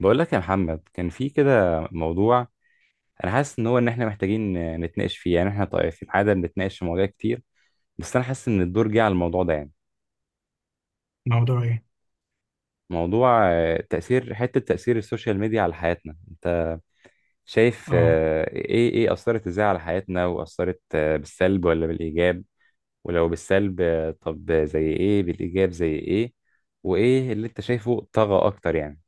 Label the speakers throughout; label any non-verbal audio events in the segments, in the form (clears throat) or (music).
Speaker 1: بقول لك يا محمد، كان في كده موضوع. انا حاسس ان هو ان احنا محتاجين نتناقش فيه. يعني احنا طيب، في العاده بنتناقش في مواضيع كتير، بس انا حاسس ان الدور جه على الموضوع ده يعني.
Speaker 2: موضوع ايه؟
Speaker 1: موضوع تاثير السوشيال ميديا على حياتنا. انت شايف،
Speaker 2: اه.
Speaker 1: ايه اثرت ازاي على حياتنا، واثرت بالسلب ولا بالايجاب؟ ولو بالسلب، طب زي ايه؟ بالايجاب زي ايه؟ وايه اللي انت شايفه طغى اكتر يعني؟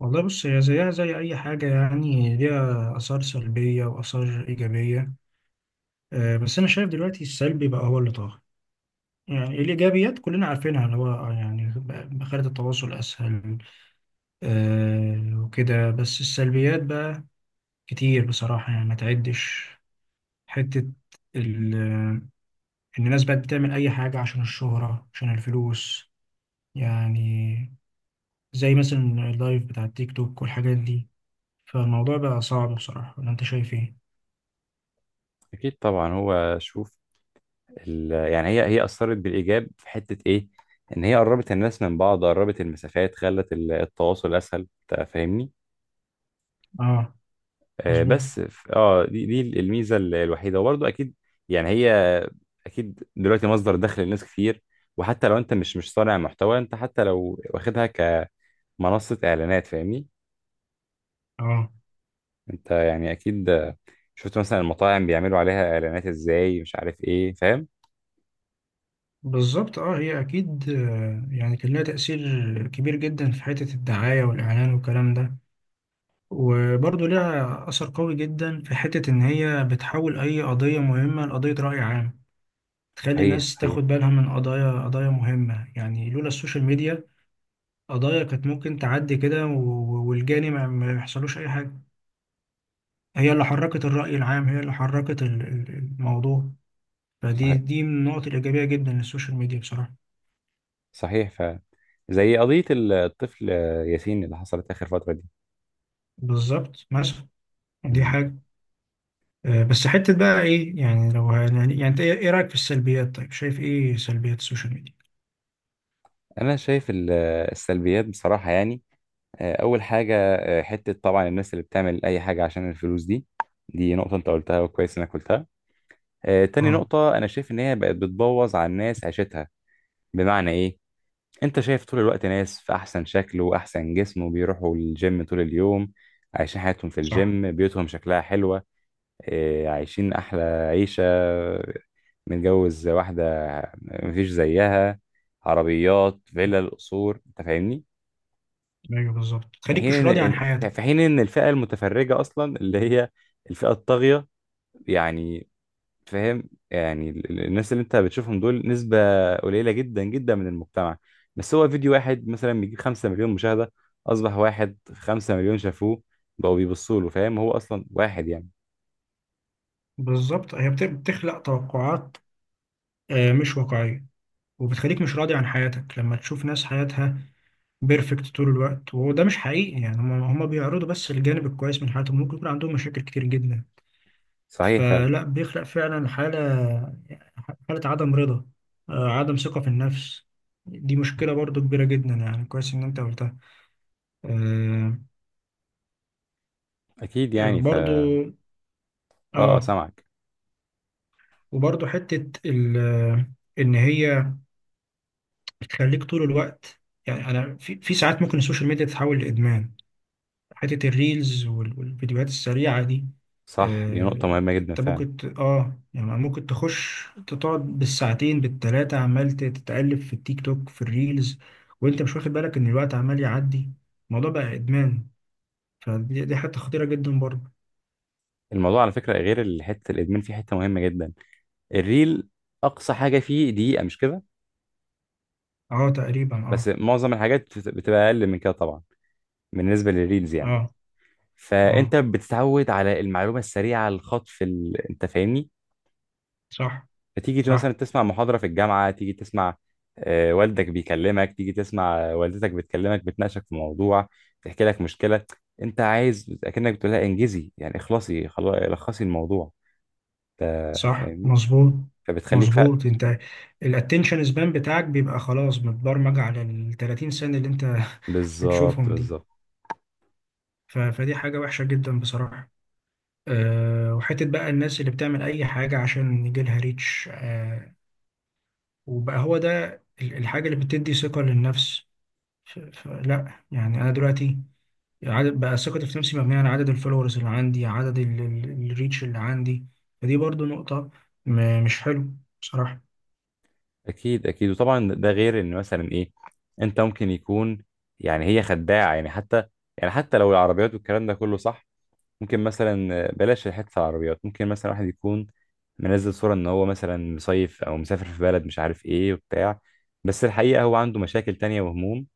Speaker 2: والله بص، هي زيها زي اي حاجه، يعني ليها اثار سلبيه واثار ايجابيه. بس انا شايف دلوقتي السلبي بقى هو اللي طاغي. يعني الايجابيات كلنا عارفينها، اللي هو خلت التواصل اسهل. وكده، بس السلبيات بقى كتير بصراحه، يعني ما تعدش حته، ال- ان الناس بقت بتعمل اي حاجه عشان الشهره، عشان الفلوس. يعني زي مثلا اللايف بتاع التيك توك والحاجات دي. فالموضوع بقى صعب بصراحة، ولا انت شايف ايه؟
Speaker 1: اكيد طبعا، هو شوف يعني هي اثرت بالايجاب في حته ايه، ان هي قربت الناس من بعض، قربت المسافات، خلت التواصل اسهل. أنت فاهمني؟
Speaker 2: اه،
Speaker 1: آه
Speaker 2: مظبوط،
Speaker 1: بس ف- اه دي دي الميزه الوحيده، وبرضه اكيد. يعني هي اكيد دلوقتي مصدر دخل لناس كتير، وحتى لو انت مش صانع محتوى، انت حتى لو واخدها كمنصه اعلانات، فاهمني؟
Speaker 2: اه،
Speaker 1: انت يعني اكيد. شفت مثلا المطاعم بيعملوا عليها اعلانات ازاي، مش عارف ايه، فاهم؟
Speaker 2: بالظبط اه. هي اكيد، يعني كان لها تأثير كبير جدا في حتة الدعاية والاعلان والكلام ده. وبرضه ليها اثر قوي جدا في حتة ان هي بتحول اي قضية مهمة لقضية رأي عام. تخلي
Speaker 1: صحيح،
Speaker 2: الناس
Speaker 1: صحيح.
Speaker 2: تاخد بالها من قضايا مهمة، يعني لولا السوشيال ميديا قضايا كانت ممكن تعدي كده والجاني ما يحصلوش اي حاجة. هي اللي حركت الرأي العام، هي اللي حركت الموضوع. فدي
Speaker 1: صحيح،
Speaker 2: دي من النقط الإيجابية جدا للسوشيال ميديا بصراحة.
Speaker 1: صحيح فعلا. زي قضية الطفل ياسين اللي حصلت آخر فترة دي.
Speaker 2: بالظبط، مثلا دي
Speaker 1: مم.
Speaker 2: حاجة. بس حتة بقى إيه، يعني لو يعني أنت إيه رأيك في السلبيات؟ طيب شايف إيه سلبيات السوشيال ميديا؟
Speaker 1: أنا شايف السلبيات بصراحة، يعني أول حاجة، حتة طبعا الناس اللي بتعمل أي حاجة عشان الفلوس دي، دي نقطة أنت قلتها، وكويس إنك قلتها. تاني
Speaker 2: اه،
Speaker 1: نقطة، أنا شايف إن هي بقت بتبوظ على الناس عيشتها. بمعنى إيه؟ أنت شايف طول الوقت ناس في أحسن شكل وأحسن جسم، وبيروحوا الجيم طول اليوم، عايشين حياتهم في
Speaker 2: صح،
Speaker 1: الجيم، بيوتهم شكلها حلوة، إيه، عايشين أحلى عيشة، متجوز واحدة مفيش زيها، عربيات فيلا قصور، أنت فاهمني؟
Speaker 2: ايوه بالظبط،
Speaker 1: في
Speaker 2: تخليك مش
Speaker 1: حين
Speaker 2: راضي عن
Speaker 1: إن
Speaker 2: حياتك.
Speaker 1: الفئة المتفرجة أصلا اللي هي الفئة الطاغية يعني، فاهم؟ يعني الناس اللي أنت بتشوفهم دول نسبة قليلة جدا جدا من المجتمع، بس هو فيديو واحد مثلا بيجيب 5 مليون مشاهدة، أصبح واحد 5 مليون شافوه، بقوا بيبصوا له، فاهم؟ هو أصلا واحد، يعني.
Speaker 2: بالظبط، هي بتخلق توقعات مش واقعية، وبتخليك مش راضي عن حياتك لما تشوف ناس حياتها بيرفكت طول الوقت، وده مش حقيقي، يعني هم بيعرضوا بس الجانب الكويس من حياتهم، ممكن يكون عندهم مشاكل كتير جدا.
Speaker 1: صحيح فعلا.
Speaker 2: فلا بيخلق فعلا حالة عدم رضا، عدم ثقة في النفس. دي مشكلة برضو كبيرة جدا، يعني كويس إن أنت قلتها. آه،
Speaker 1: أكيد، يعني
Speaker 2: برضو،
Speaker 1: اه،
Speaker 2: آه
Speaker 1: سامعك.
Speaker 2: وبرضو حتة إن هي بتخليك طول الوقت. يعني أنا في ساعات ممكن السوشيال ميديا تتحول لإدمان، حتة الريلز والفيديوهات السريعة دي.
Speaker 1: صح، دي نقطة مهمة جدا
Speaker 2: انت
Speaker 1: فعلا.
Speaker 2: ممكن يعني ممكن تخش تقعد بالساعتين بالتلاتة، عمال تتقلب في التيك توك في الريلز، وانت مش واخد بالك ان الوقت عمال يعدي، الموضوع بقى ادمان. فدي حتة خطيرة جدا برضه.
Speaker 1: الموضوع على فكرة، غير حتة الإدمان، فيه حتة مهمة جدا. الريل أقصى حاجة فيه دقيقة، مش كده؟
Speaker 2: اه، تقريبا
Speaker 1: بس
Speaker 2: اه.
Speaker 1: معظم الحاجات بتبقى أقل من كده طبعا، بالنسبة للريلز يعني.
Speaker 2: اه،
Speaker 1: فأنت
Speaker 2: اه،
Speaker 1: بتتعود على المعلومة السريعة، الخطف، أنت فاهمني؟
Speaker 2: صح،
Speaker 1: فتيجي مثلا
Speaker 2: صح،
Speaker 1: تسمع محاضرة في الجامعة، تيجي تسمع، والدك بيكلمك، تيجي تسمع والدتك بتكلمك بتناقشك في موضوع، تحكي لك مشكلة، أنت عايز أكنك بتقولها إنجزي، يعني اخلصي خلاص لخصي الموضوع،
Speaker 2: صح،
Speaker 1: فاهمني؟
Speaker 2: مظبوط،
Speaker 1: فبتخليك فعلا.
Speaker 2: مظبوط انت. الاتنشن سبان بتاعك بيبقى خلاص متبرمج على ال 30 سنة اللي انت (laughs)
Speaker 1: بالظبط،
Speaker 2: بتشوفهم دي.
Speaker 1: بالظبط.
Speaker 2: فدي حاجة وحشة جدا بصراحة. وحتة بقى الناس اللي بتعمل أي حاجة عشان يجيلها ريتش، وبقى هو ده الحاجة اللي بتدي ثقة للنفس. فلا يعني أنا دلوقتي عدد بقى ثقتي في نفسي مبنية على عدد الفولورز اللي عندي، عدد الريتش اللي عندي. فدي برضو نقطة مش حلو بصراحة.
Speaker 1: اكيد، اكيد، وطبعا ده غير ان مثلا ايه، انت ممكن يكون، يعني هي خداعه، يعني حتى، يعني حتى لو العربيات والكلام ده كله صح، ممكن مثلا بلاش حته العربيات، ممكن مثلا واحد يكون منزل صوره ان هو مثلا مصيف او مسافر في بلد مش عارف ايه وبتاع، بس الحقيقه هو عنده مشاكل تانية وهموم.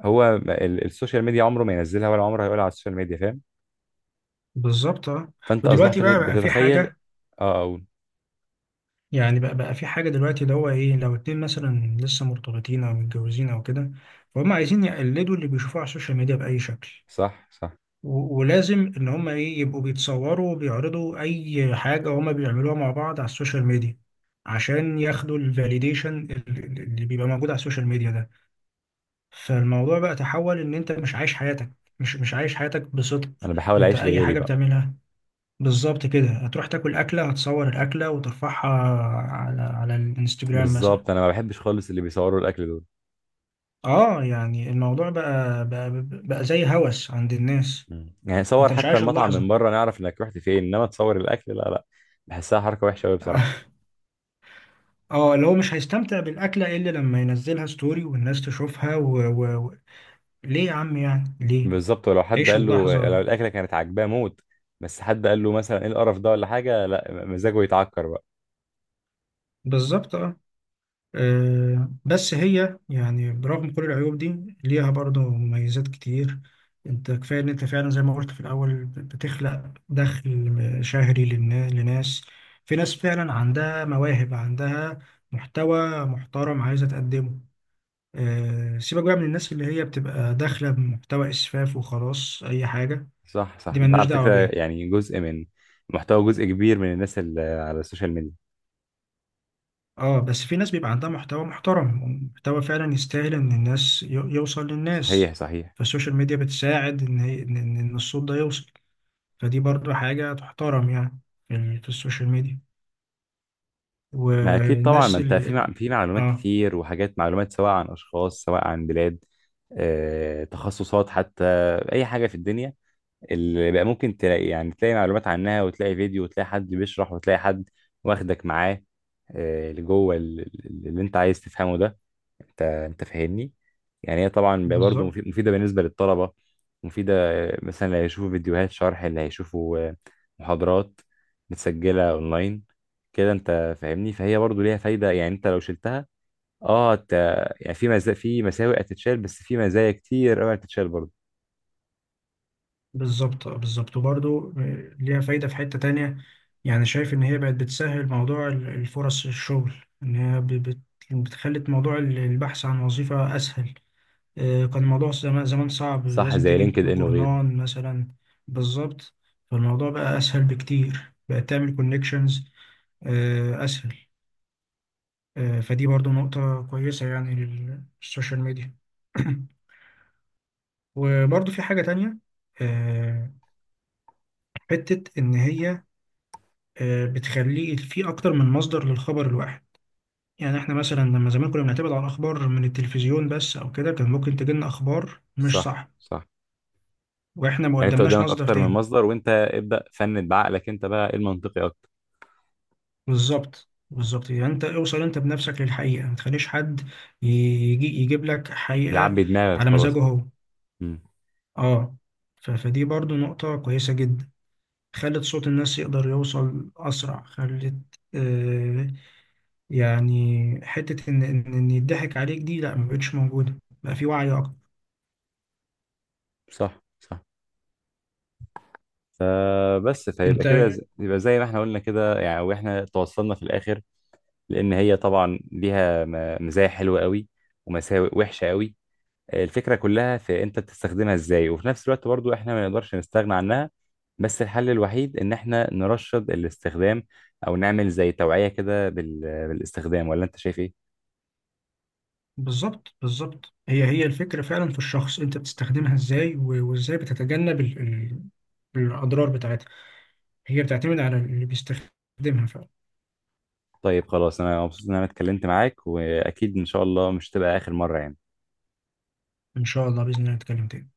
Speaker 1: هو السوشيال ميديا عمره ما ينزلها، ولا عمره هيقولها على السوشيال ميديا، فاهم؟
Speaker 2: بالظبط اه.
Speaker 1: فانت
Speaker 2: ودلوقتي
Speaker 1: اصبحت
Speaker 2: بقى في
Speaker 1: بتتخيل.
Speaker 2: حاجة،
Speaker 1: اه، اقول.
Speaker 2: يعني بقى في حاجة دلوقتي، اللي هو إيه، لو اتنين مثلا لسه مرتبطين أو متجوزين أو كده، فهم عايزين يقلدوا اللي بيشوفوه على السوشيال ميديا بأي شكل.
Speaker 1: صح، صح.
Speaker 2: ولازم إن هم إيه يبقوا بيتصوروا وبيعرضوا أي حاجة هما بيعملوها مع بعض على السوشيال ميديا، عشان ياخدوا الفاليديشن اللي بيبقى موجود على السوشيال ميديا ده. فالموضوع بقى تحول إن أنت مش عايش حياتك، مش عايش حياتك بصدق.
Speaker 1: انا بحاول
Speaker 2: أنت
Speaker 1: اعيش
Speaker 2: أي
Speaker 1: لغيري
Speaker 2: حاجة
Speaker 1: بقى.
Speaker 2: بتعملها بالظبط كده، هتروح تاكل أكلة، هتصور الأكلة وترفعها على الانستجرام مثلا.
Speaker 1: بالظبط، انا ما بحبش خالص اللي بيصوروا الاكل دول.
Speaker 2: اه، يعني الموضوع بقى زي هوس عند الناس.
Speaker 1: مم. يعني صور
Speaker 2: انت مش
Speaker 1: حتى
Speaker 2: عايش
Speaker 1: المطعم من
Speaker 2: اللحظة.
Speaker 1: بره نعرف انك رحت فين، انما تصور الاكل، لا، لا. بحسها حركه وحشه قوي بصراحه.
Speaker 2: (laughs) اه، اللي هو مش هيستمتع بالأكلة إلا لما ينزلها ستوري والناس تشوفها ليه يا عم، يعني ليه؟
Speaker 1: بالظبط، ولو حد
Speaker 2: عيش
Speaker 1: قال له لو
Speaker 2: اللحظة،
Speaker 1: الاكله كانت عاجباه موت، بس حد قال له مثلا ايه القرف ده ولا حاجه، لا مزاجه يتعكر بقى.
Speaker 2: بالظبط اه. بس هي يعني برغم كل العيوب دي ليها برضه مميزات كتير. انت كفاية ان انت فعلا زي ما قلت في الاول بتخلق دخل شهري لناس. في ناس فعلا عندها مواهب، عندها محتوى محترم عايزة تقدمه. سيبك بقى من الناس اللي هي بتبقى داخلة بمحتوى اسفاف وخلاص اي حاجة،
Speaker 1: صح، صح،
Speaker 2: دي
Speaker 1: ده
Speaker 2: ملناش
Speaker 1: على
Speaker 2: دعوة
Speaker 1: فكره
Speaker 2: بيها.
Speaker 1: يعني جزء من محتوى، جزء كبير من الناس اللي على السوشيال ميديا.
Speaker 2: اه، بس في ناس بيبقى عندها محتوى محترم ومحتوى فعلا يستاهل ان الناس يوصل للناس.
Speaker 1: صحيح، صحيح.
Speaker 2: فالسوشيال ميديا بتساعد ان هي- ان إن- إن الصوت ده يوصل. فدي برضو حاجة تحترم يعني، في السوشيال ميديا،
Speaker 1: ما اكيد طبعا، ما
Speaker 2: والناس
Speaker 1: انت
Speaker 2: اللي
Speaker 1: في معلومات
Speaker 2: اه،
Speaker 1: كتير وحاجات، معلومات سواء عن اشخاص سواء عن بلاد، تخصصات حتى، اي حاجه في الدنيا اللي بقى ممكن تلاقي، يعني تلاقي معلومات عنها، وتلاقي فيديو، وتلاقي حد بيشرح، وتلاقي حد واخدك معاه لجوه اللي انت عايز تفهمه ده. انت فاهمني؟ يعني هي طبعا برضه
Speaker 2: بالظبط،
Speaker 1: مفيده بالنسبه للطلبه، مفيده مثلا، اللي هيشوفوا فيديوهات شرح، اللي هيشوفوا محاضرات متسجله اونلاين كده، انت فاهمني؟ فهي برضه ليها فايده، يعني انت لو شلتها، اه، انت يعني في في مساوئ هتتشال، بس في مزايا كتير قوي هتتشال برضه.
Speaker 2: بالظبط، بالظبط، وبرضو ليها فايدة في حتة تانية. يعني شايف ان هي بقت بتسهل موضوع الفرص الشغل، ان هي بتخلي موضوع البحث عن وظيفة اسهل. كان الموضوع زمان زمان صعب،
Speaker 1: صح،
Speaker 2: لازم
Speaker 1: زي
Speaker 2: تجيب
Speaker 1: لينكد ان وغيره.
Speaker 2: جورنان مثلا. بالظبط، فالموضوع بقى أسهل بكتير، بقى تعمل كونكشنز أسهل. فدي برضو نقطة كويسة يعني للسوشيال ميديا. (clears throat) وبرضو في حاجة تانية، آه، حتة إن هي بتخلي في أكتر من مصدر للخبر الواحد. يعني إحنا مثلا لما زمان كنا بنعتمد على الأخبار من التلفزيون بس أو كده، كان ممكن تجيلنا أخبار مش
Speaker 1: صح،
Speaker 2: صح
Speaker 1: صح،
Speaker 2: وإحنا ما
Speaker 1: يعني انت
Speaker 2: قدمناش
Speaker 1: قدامك
Speaker 2: مصدر
Speaker 1: اكتر من
Speaker 2: تاني.
Speaker 1: مصدر، وانت ابدا فند بعقلك انت بقى ايه المنطقي اكتر،
Speaker 2: بالظبط، بالظبط، يعني انت اوصل انت بنفسك للحقيقة، ما تخليش حد يجي يجيب لك حقيقة
Speaker 1: يعبي دماغك
Speaker 2: على
Speaker 1: خلاص
Speaker 2: مزاجه
Speaker 1: كده.
Speaker 2: هو.
Speaker 1: امم.
Speaker 2: اه، فدي برضو نقطة كويسة جدا، خلت صوت الناس يقدر يوصل أسرع، خلت. آه يعني حتة إن يضحك عليك دي لا، ما بقتش موجودة، بقى في وعي أكتر.
Speaker 1: صح، صح، فبس فيبقى
Speaker 2: أنت
Speaker 1: كده يبقى زي ما احنا قلنا كده، يعني واحنا توصلنا في الاخر، لان هي طبعا ليها مزايا حلوه قوي ومساوئ وحشه قوي، الفكره كلها في انت بتستخدمها ازاي، وفي نفس الوقت برضو احنا ما نقدرش نستغنى عنها، بس الحل الوحيد ان احنا نرشد الاستخدام، او نعمل زي توعيه كده بالاستخدام. ولا انت شايف ايه؟
Speaker 2: بالظبط، بالظبط، هي الفكرة فعلا في الشخص أنت بتستخدمها إزاي، وإزاي بتتجنب الأضرار بتاعتها. هي بتعتمد على اللي بيستخدمها فعلا.
Speaker 1: طيب، خلاص، انا مبسوط ان انا اتكلمت معاك، واكيد ان شاء الله مش تبقى اخر مره يعني.
Speaker 2: ان شاء الله، باذن الله نتكلم تاني.